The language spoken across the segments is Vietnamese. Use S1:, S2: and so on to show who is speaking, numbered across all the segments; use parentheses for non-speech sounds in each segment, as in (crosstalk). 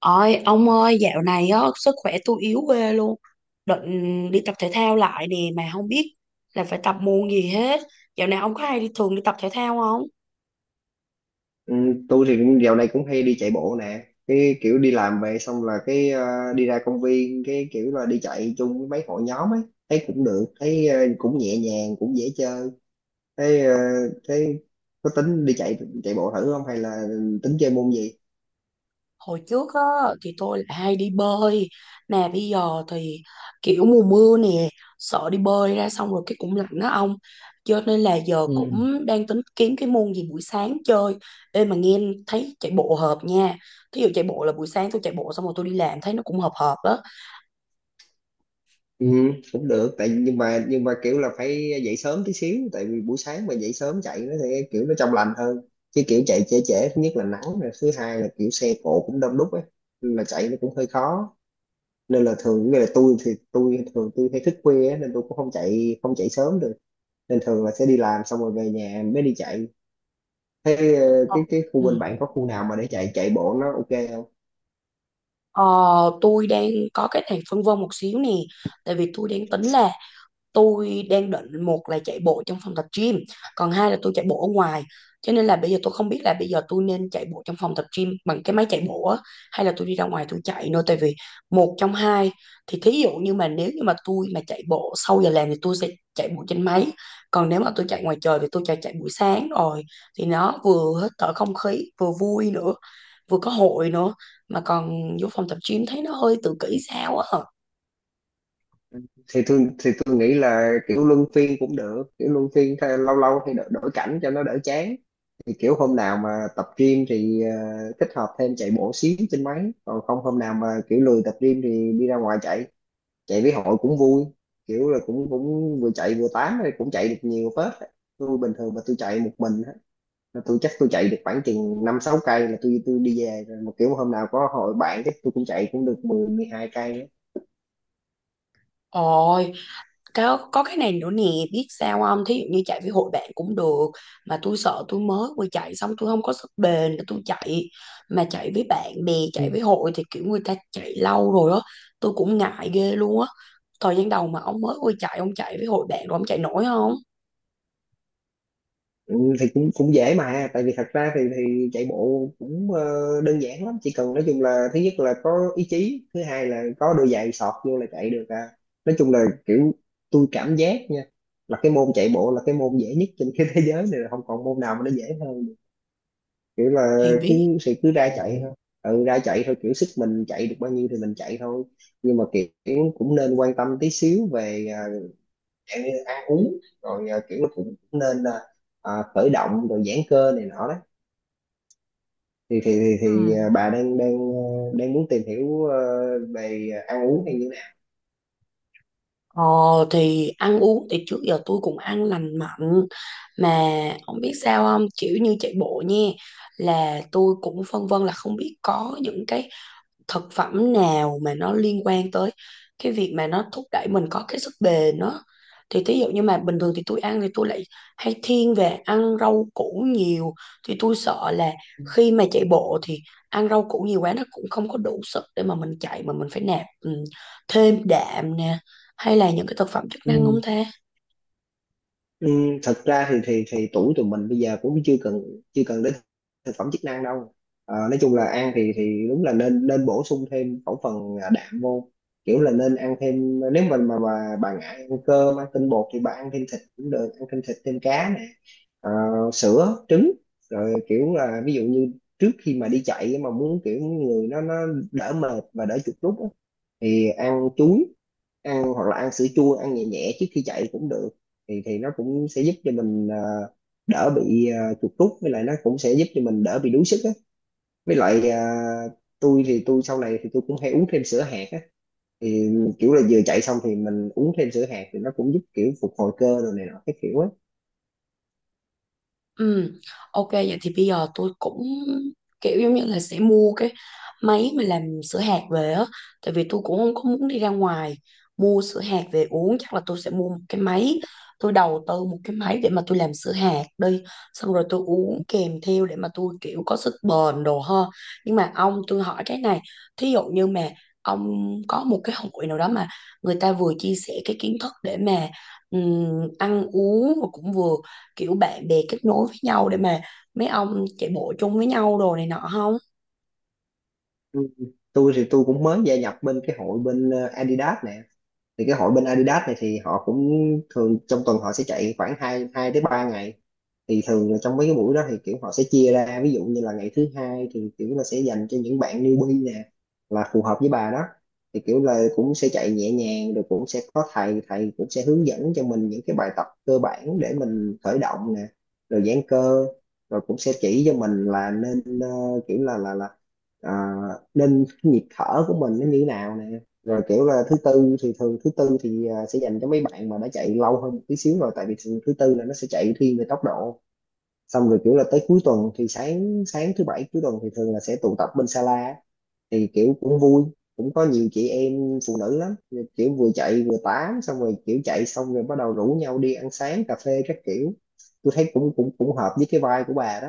S1: Ôi, ông ơi, dạo này á, sức khỏe tôi yếu ghê luôn. Định đi tập thể thao lại nè, mà không biết là phải tập môn gì hết. Dạo này ông có hay đi thường đi tập thể thao không?
S2: Ừ, tôi thì cũng dạo này cũng hay đi chạy bộ nè, cái kiểu đi làm về xong là đi ra công viên, cái kiểu là đi chạy chung với mấy hội nhóm ấy, thấy cũng được, thấy cũng nhẹ nhàng, cũng dễ chơi. Thấy thấy có tính đi chạy chạy bộ thử không, hay là tính chơi môn gì?
S1: Hồi trước á, thì tôi là hay đi bơi. Nè, bây giờ thì kiểu mùa mưa nè, sợ đi bơi ra xong rồi cái cũng lạnh đó ông. Cho nên là giờ
S2: Ừ.
S1: cũng đang tính kiếm cái môn gì buổi sáng chơi. Ê mà nghe thấy chạy bộ hợp nha. Thí dụ chạy bộ là buổi sáng tôi chạy bộ xong rồi tôi đi làm thấy nó cũng hợp hợp đó.
S2: ừ, Cũng được, tại nhưng mà kiểu là phải dậy sớm tí xíu, tại vì buổi sáng mà dậy sớm chạy nó thì kiểu nó trong lành hơn, chứ kiểu chạy trễ trễ thứ nhất là nắng, rồi thứ hai là kiểu xe cộ cũng đông đúc ấy, nên là chạy nó cũng hơi khó. Nên là thường như là tôi thường hay thức khuya á, nên tôi cũng không chạy sớm được, nên thường là sẽ đi làm xong rồi về nhà mới đi chạy. Thế
S1: Ờ,
S2: cái khu
S1: ừ.
S2: bên bạn có khu nào mà để chạy chạy bộ nó ok không?
S1: Ờ, tôi đang có cái này phân vân một xíu nè, tại vì tôi đang tính là tôi đang định một là chạy bộ trong phòng tập gym, còn hai là tôi chạy bộ ở ngoài. Cho nên là bây giờ tôi không biết là bây giờ tôi nên chạy bộ trong phòng tập gym bằng cái máy chạy bộ á, hay là tôi đi ra ngoài tôi chạy nữa. Tại vì một trong hai thì thí dụ như mà nếu như mà tôi mà chạy bộ sau giờ làm thì tôi sẽ chạy bộ trên máy, còn nếu mà tôi chạy ngoài trời thì tôi chạy chạy buổi sáng rồi thì nó vừa hít thở không khí vừa vui nữa, vừa có hội nữa, mà còn vô phòng tập gym thấy nó hơi tự kỷ sao á.
S2: Thì tôi nghĩ là kiểu luân phiên cũng được, kiểu luân phiên lâu lâu thì đổi, đổi cảnh cho nó đỡ chán. Thì kiểu hôm nào mà tập gym thì kết hợp thêm chạy bộ xíu trên máy, còn không hôm nào mà kiểu lười tập gym thì đi ra ngoài chạy, chạy với hội cũng vui, kiểu là cũng cũng vừa chạy vừa tám rồi cũng chạy được nhiều phết á. Tôi bình thường mà tôi chạy một mình á là tôi chắc tôi chạy được khoảng chừng 5, 6 cây là tôi đi về rồi, mà kiểu hôm nào có hội bạn chắc tôi cũng chạy cũng được 10 hai cây
S1: Ôi, có cái này nữa nè biết sao không, thí dụ như chạy với hội bạn cũng được, mà tôi sợ tôi mới vừa chạy xong tôi không có sức bền để tôi chạy, mà chạy với bạn bè chạy với
S2: á.
S1: hội thì kiểu người ta chạy lâu rồi á, tôi cũng ngại ghê luôn á. Thời gian đầu mà ông mới vừa chạy ông chạy với hội bạn rồi ông chạy nổi không
S2: Ừ, thì cũng cũng dễ mà, tại vì thật ra thì chạy bộ cũng đơn giản lắm, chỉ cần nói chung là thứ nhất là có ý chí, thứ hai là có đôi giày sọt vô là chạy được à. Nói chung là kiểu tôi cảm giác nha, là cái môn chạy bộ là cái môn dễ nhất trên (laughs) cái thế giới này, là không còn môn nào mà nó dễ hơn được. Kiểu là
S1: thì
S2: cứ
S1: biết.
S2: sự cứ ra chạy thôi, ừ ra chạy thôi, kiểu sức mình chạy được bao nhiêu thì mình chạy thôi. Nhưng mà kiểu cũng nên quan tâm tí xíu về dạng như ăn uống, rồi kiểu nó cũng nên là khởi động rồi giãn cơ này nọ đấy. thì thì thì, thì
S1: Ừ.
S2: à, bà đang đang ờ, đang muốn tìm hiểu về ăn uống hay như thế nào?
S1: Ờ thì ăn uống thì trước giờ tôi cũng ăn lành mạnh, mà không biết sao không kiểu như chạy bộ nha, là tôi cũng phân vân là không biết có những cái thực phẩm nào mà nó liên quan tới cái việc mà nó thúc đẩy mình có cái sức bền đó. Thì thí dụ như mà bình thường thì tôi ăn thì tôi lại hay thiên về ăn rau củ nhiều, thì tôi sợ là khi mà chạy bộ thì ăn rau củ nhiều quá nó cũng không có đủ sức để mà mình chạy, mà mình phải nạp thêm đạm nè, hay là những cái thực phẩm chức năng
S2: Ừ,
S1: không ta.
S2: Ừ, thật ra thì tuổi tụi mình bây giờ cũng chưa cần đến thực phẩm chức năng đâu. Ờ, nói chung là ăn thì đúng là nên nên bổ sung thêm khẩu phần đạm vô, kiểu là nên ăn thêm, nếu mà bà ngại ăn cơm ăn tinh bột thì bà ăn thêm thịt cũng được, ăn thêm thịt thêm cá nè, Ờ, sữa trứng. Rồi kiểu là ví dụ như trước khi mà đi chạy mà muốn kiểu người nó đỡ mệt và đỡ chuột rút á, thì ăn chuối ăn, hoặc là ăn sữa chua ăn nhẹ nhẹ trước khi chạy cũng được, thì nó cũng sẽ giúp cho mình đỡ bị chuột rút, với lại nó cũng sẽ giúp cho mình đỡ bị đuối sức á. Với lại tôi thì tôi sau này thì tôi cũng hay uống thêm sữa hạt á, thì kiểu là vừa chạy xong thì mình uống thêm sữa hạt thì nó cũng giúp kiểu phục hồi cơ rồi này nọ cái kiểu á.
S1: Ừ, ok vậy thì bây giờ tôi cũng kiểu giống như là sẽ mua cái máy mà làm sữa hạt về á, tại vì tôi cũng không có muốn đi ra ngoài mua sữa hạt về uống, chắc là tôi sẽ mua một cái máy, tôi đầu tư một cái máy để mà tôi làm sữa hạt đi, xong rồi tôi uống kèm theo để mà tôi kiểu có sức bền đồ ha. Nhưng mà ông tôi hỏi cái này, thí dụ như mà ông có một cái hội nào đó mà người ta vừa chia sẻ cái kiến thức để mà ăn uống mà cũng vừa kiểu bạn bè kết nối với nhau để mà mấy ông chạy bộ chung với nhau đồ này nọ không.
S2: Ừ. Tôi thì tôi cũng mới gia nhập bên cái hội bên Adidas nè, thì cái hội bên Adidas này thì họ cũng thường trong tuần họ sẽ chạy khoảng 2 hai tới 3 ngày. Thì thường là trong mấy cái buổi đó thì kiểu họ sẽ chia ra, ví dụ như là ngày thứ hai thì kiểu là sẽ dành cho những bạn newbie nè, là phù hợp với bà đó, thì kiểu là cũng sẽ chạy nhẹ nhàng, rồi cũng sẽ có thầy thầy cũng sẽ hướng dẫn cho mình những cái bài tập cơ bản để mình khởi động nè, rồi giãn cơ, rồi cũng sẽ chỉ cho mình là nên kiểu là à, nên nhịp thở của mình nó như thế nào nè. Rồi kiểu là thứ tư thì thường thứ tư thì sẽ dành cho mấy bạn mà đã chạy lâu hơn một tí xíu rồi, tại vì thường thứ tư là nó sẽ chạy thiên về tốc độ. Xong rồi kiểu là tới cuối tuần thì sáng sáng thứ bảy cuối tuần thì thường là sẽ tụ tập bên Sala á. Thì kiểu cũng vui, cũng có nhiều chị em phụ nữ lắm, kiểu vừa chạy vừa tám, xong rồi kiểu chạy xong rồi bắt đầu rủ nhau đi ăn sáng cà phê các kiểu. Tôi thấy cũng cũng cũng hợp với cái vibe của bà đó.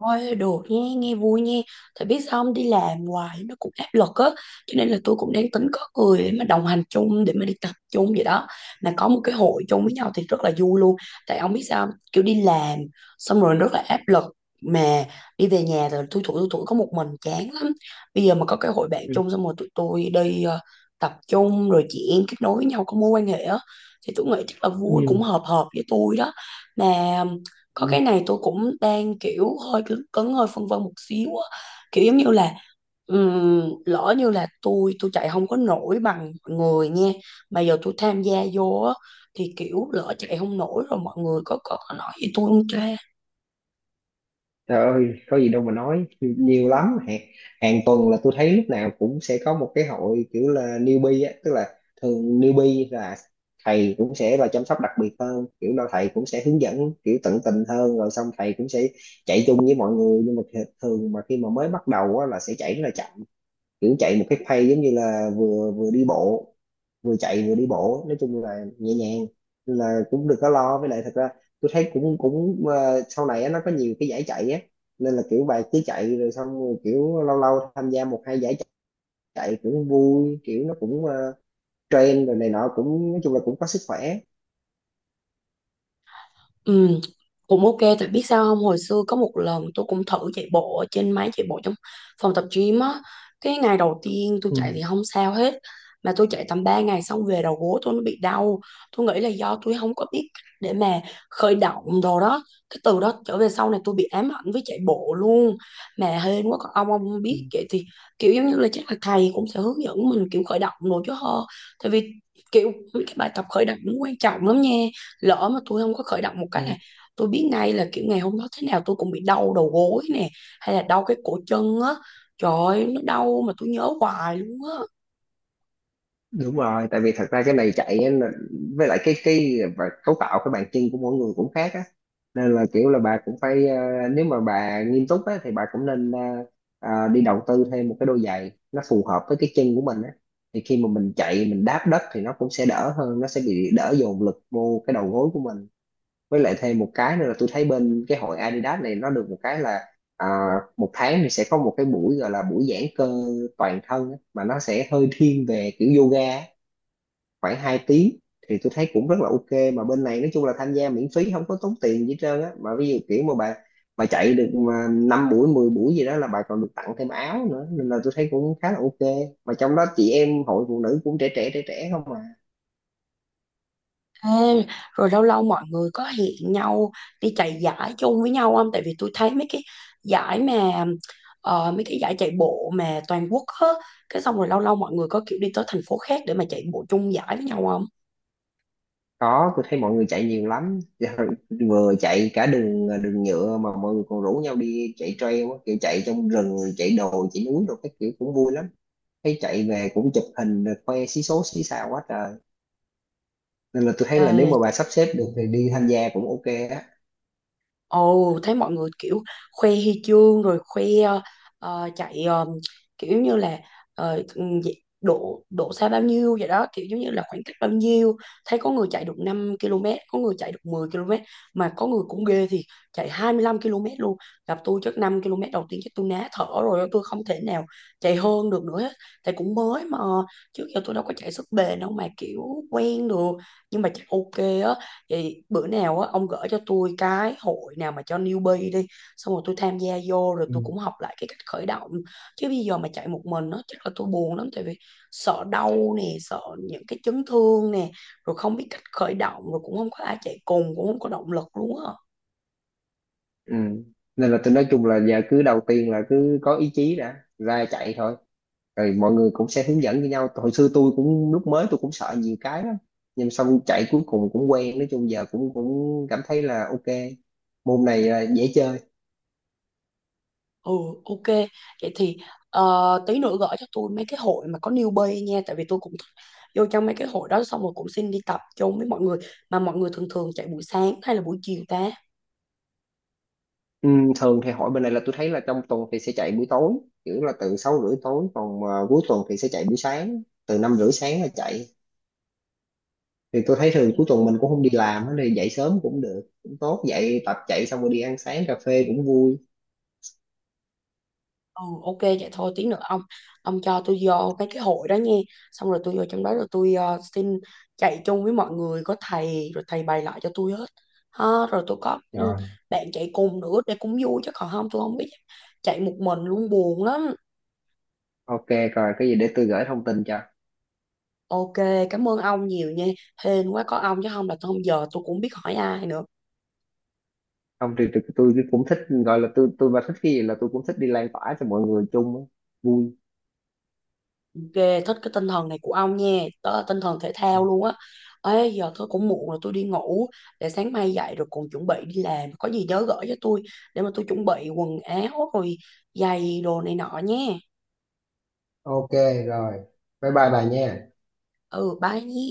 S1: Thôi được nha, nghe vui nha. Tại biết sao không đi làm hoài nó cũng áp lực á. Cho nên là tôi cũng đang tính có người để mà đồng hành chung, để mà đi tập chung vậy đó. Mà có một cái hội chung với nhau thì rất là vui luôn. Tại ông biết sao không? Kiểu đi làm xong rồi rất là áp lực. Mà đi về nhà rồi thui thủi có một mình chán lắm. Bây giờ mà có cái hội bạn chung xong rồi tụi tôi đi tập chung rồi chị em kết nối với nhau có mối quan hệ á. Thì tôi nghĩ chắc là vui cũng hợp hợp với tôi đó. Mà có cái này tôi cũng đang kiểu hơi cứng, cứng hơi phân vân một xíu á, kiểu giống như là lỡ như là tôi chạy không có nổi bằng mọi người nha, mà giờ tôi tham gia vô á thì kiểu lỡ chạy không nổi rồi mọi người có nói gì tôi không cha.
S2: Trời ơi, có gì đâu mà nói, nhiều lắm. Hàng tuần là tôi thấy lúc nào cũng sẽ có một cái hội kiểu là newbie á, tức là thường newbie là thầy cũng sẽ là chăm sóc đặc biệt hơn, kiểu là thầy cũng sẽ hướng dẫn kiểu tận tình hơn, rồi xong thầy cũng sẽ chạy chung với mọi người. Nhưng mà thường mà khi mà mới bắt đầu á, là sẽ chạy rất là chậm, kiểu chạy một cái pace giống như là vừa vừa đi bộ, vừa chạy vừa đi bộ, nói chung là nhẹ nhàng. Nên là cũng đừng có lo, với lại thật ra tôi thấy cũng cũng ờ, sau này á, nó có nhiều cái giải chạy á, nên là kiểu bài cứ chạy rồi xong rồi kiểu lâu lâu tham gia 1, 2 giải chạy cũng vui, kiểu nó cũng trend rồi này nọ, cũng nói chung là cũng có sức khỏe.
S1: Ừ, cũng ok tại biết sao không hồi xưa có một lần tôi cũng thử chạy bộ ở trên máy chạy bộ trong phòng tập gym á, cái ngày đầu tiên tôi chạy thì
S2: Ừ.
S1: không sao hết, mà tôi chạy tầm 3 ngày xong về đầu gối tôi nó bị đau. Tôi nghĩ là do tôi không có biết cách để mà khởi động đồ đó, cái từ đó trở về sau này tôi bị ám ảnh với chạy bộ luôn. Mà hên quá còn ông
S2: Ừ.
S1: biết vậy thì kiểu giống như là chắc là thầy cũng sẽ hướng dẫn mình kiểu khởi động đồ chứ hơ. Tại vì kiểu cái bài tập khởi động nó quan trọng lắm nha, lỡ mà tôi không có khởi động một cái
S2: Ừ.
S1: là tôi biết ngay là kiểu ngày hôm đó thế nào tôi cũng bị đau đầu gối nè, hay là đau cái cổ chân á. Trời ơi, nó đau mà tôi nhớ hoài luôn á.
S2: Đúng rồi, tại vì thật ra cái này chạy á, là- với lại cái cấu tạo cái bàn chân của mỗi người cũng khác á, nên là kiểu là bà cũng phải nếu mà bà nghiêm túc á thì bà cũng nên đi đầu tư thêm một cái đôi giày nó phù hợp với cái chân của mình á, thì khi mà mình chạy mình đáp đất thì nó cũng sẽ đỡ hơn, nó sẽ bị đỡ dồn lực vô cái đầu gối của mình. Với lại thêm một cái nữa là tôi thấy bên cái hội Adidas này nó được một cái là ờ, 1 tháng thì sẽ có một cái buổi gọi là buổi giãn cơ toàn thân á, mà nó sẽ hơi thiên về kiểu yoga á, khoảng 2 tiếng, thì tôi thấy cũng rất là ok. Mà bên này nói chung là tham gia miễn phí, không có tốn tiền gì hết trơn á, mà ví dụ kiểu mà bà chạy được mà 5 buổi 10 buổi gì đó là bà còn được tặng thêm áo nữa, nên là tôi thấy cũng khá là ok. Mà trong đó chị em hội phụ nữ cũng trẻ trẻ trẻ trẻ không mà.
S1: Ê, rồi lâu lâu mọi người có hẹn nhau đi chạy giải chung với nhau không, tại vì tôi thấy mấy cái giải mà mấy cái giải chạy bộ mà toàn quốc á, cái xong rồi lâu lâu mọi người có kiểu đi tới thành phố khác để mà chạy bộ chung giải với nhau không.
S2: Có, tôi thấy mọi người chạy nhiều lắm (laughs) vừa chạy cả đường đường nhựa mà mọi người còn rủ nhau đi chạy trail á, kiểu chạy trong rừng rồi chạy đồi chạy núi rồi cái kiểu cũng vui lắm. Thấy chạy về cũng chụp hình rồi khoe xí số xí xào quá trời, nên là tôi thấy là nếu
S1: Ê,
S2: mà bà sắp xếp được thì đi tham gia cũng ok á.
S1: ồ, thấy mọi người kiểu khoe huy chương rồi khoe ờ, chạy ờ, kiểu như là ờ, ừm, dị- độ độ xa bao nhiêu vậy đó, kiểu giống như là khoảng cách bao nhiêu. Thấy có người chạy được 5 km, có người chạy được 10 km, mà có người cũng ghê thì chạy 25 km luôn. Gặp tôi chắc 5 km đầu tiên chắc tôi ná thở rồi, tôi không thể nào chạy hơn được nữa hết. Tại cũng mới mà trước giờ tôi đâu có chạy sức bền đâu mà kiểu quen được, nhưng mà chắc ok á. Thì bữa nào á ông gửi cho tôi cái hội nào mà cho newbie đi, xong rồi tôi tham gia vô rồi
S2: Ừ.
S1: tôi cũng học lại cái cách khởi động, chứ bây giờ mà chạy một mình nó chắc là tôi buồn lắm, tại vì sợ đau nè, sợ những cái chấn thương nè, rồi không biết cách khởi động, rồi cũng không có ai chạy cùng cũng không có động lực luôn á.
S2: ừ. Nên là tôi nói chung là giờ cứ đầu tiên là cứ có ý chí đã, ra chạy thôi, rồi mọi người cũng sẽ hướng dẫn với nhau. Hồi xưa tôi cũng lúc mới tôi cũng sợ nhiều cái lắm, nhưng xong chạy cuối cùng cũng quen, nói chung giờ cũng cũng cảm thấy là ok, môn này là dễ chơi.
S1: Ừ, ok vậy thì tí nữa gửi cho tôi mấy cái hội mà có newbie nha, tại vì tôi cũng thích vô trong mấy cái hội đó xong rồi cũng xin đi tập chung với mọi người. Mà mọi người thường thường chạy buổi sáng hay là buổi chiều ta.
S2: Ừ, thường thì hội bên này là tôi thấy là trong tuần thì sẽ chạy buổi tối, kiểu là từ 6 rưỡi tối, còn cuối tuần thì sẽ chạy buổi sáng, từ 5 rưỡi sáng là chạy. Thì tôi thấy thường cuối tuần mình cũng không đi làm á, thì dậy sớm cũng được, cũng tốt, dậy tập chạy xong rồi đi ăn sáng cà phê cũng vui.
S1: Ừ ok vậy thôi tí nữa ông, cho tôi vô cái hội đó nha, xong rồi tôi vô trong đó rồi tôi xin chạy chung với mọi người có thầy rồi thầy bày lại cho tôi hết ha. Rồi tôi có
S2: Rồi,
S1: bạn chạy cùng nữa để cũng vui, chứ còn không tôi không biết, chạy một mình luôn buồn lắm.
S2: ok, rồi cái gì để tôi gửi thông tin cho.
S1: Ok, cảm ơn ông nhiều nha. Hên quá có ông chứ không là tôi không giờ tôi cũng không biết hỏi ai nữa.
S2: Không thì tôi cũng thích, gọi là tôi mà thích cái gì là tôi cũng thích đi lan tỏa cho mọi người chung á, vui.
S1: Ghê thích cái tinh thần này của ông nha, đó tinh thần thể thao luôn á. Ê giờ tôi cũng muộn rồi tôi đi ngủ, để sáng mai dậy rồi còn chuẩn bị đi làm. Có gì nhớ gửi cho tôi để mà tôi chuẩn bị quần áo rồi giày đồ này nọ nha.
S2: Ok rồi, bye bye bà nha.
S1: Ừ bye nhé.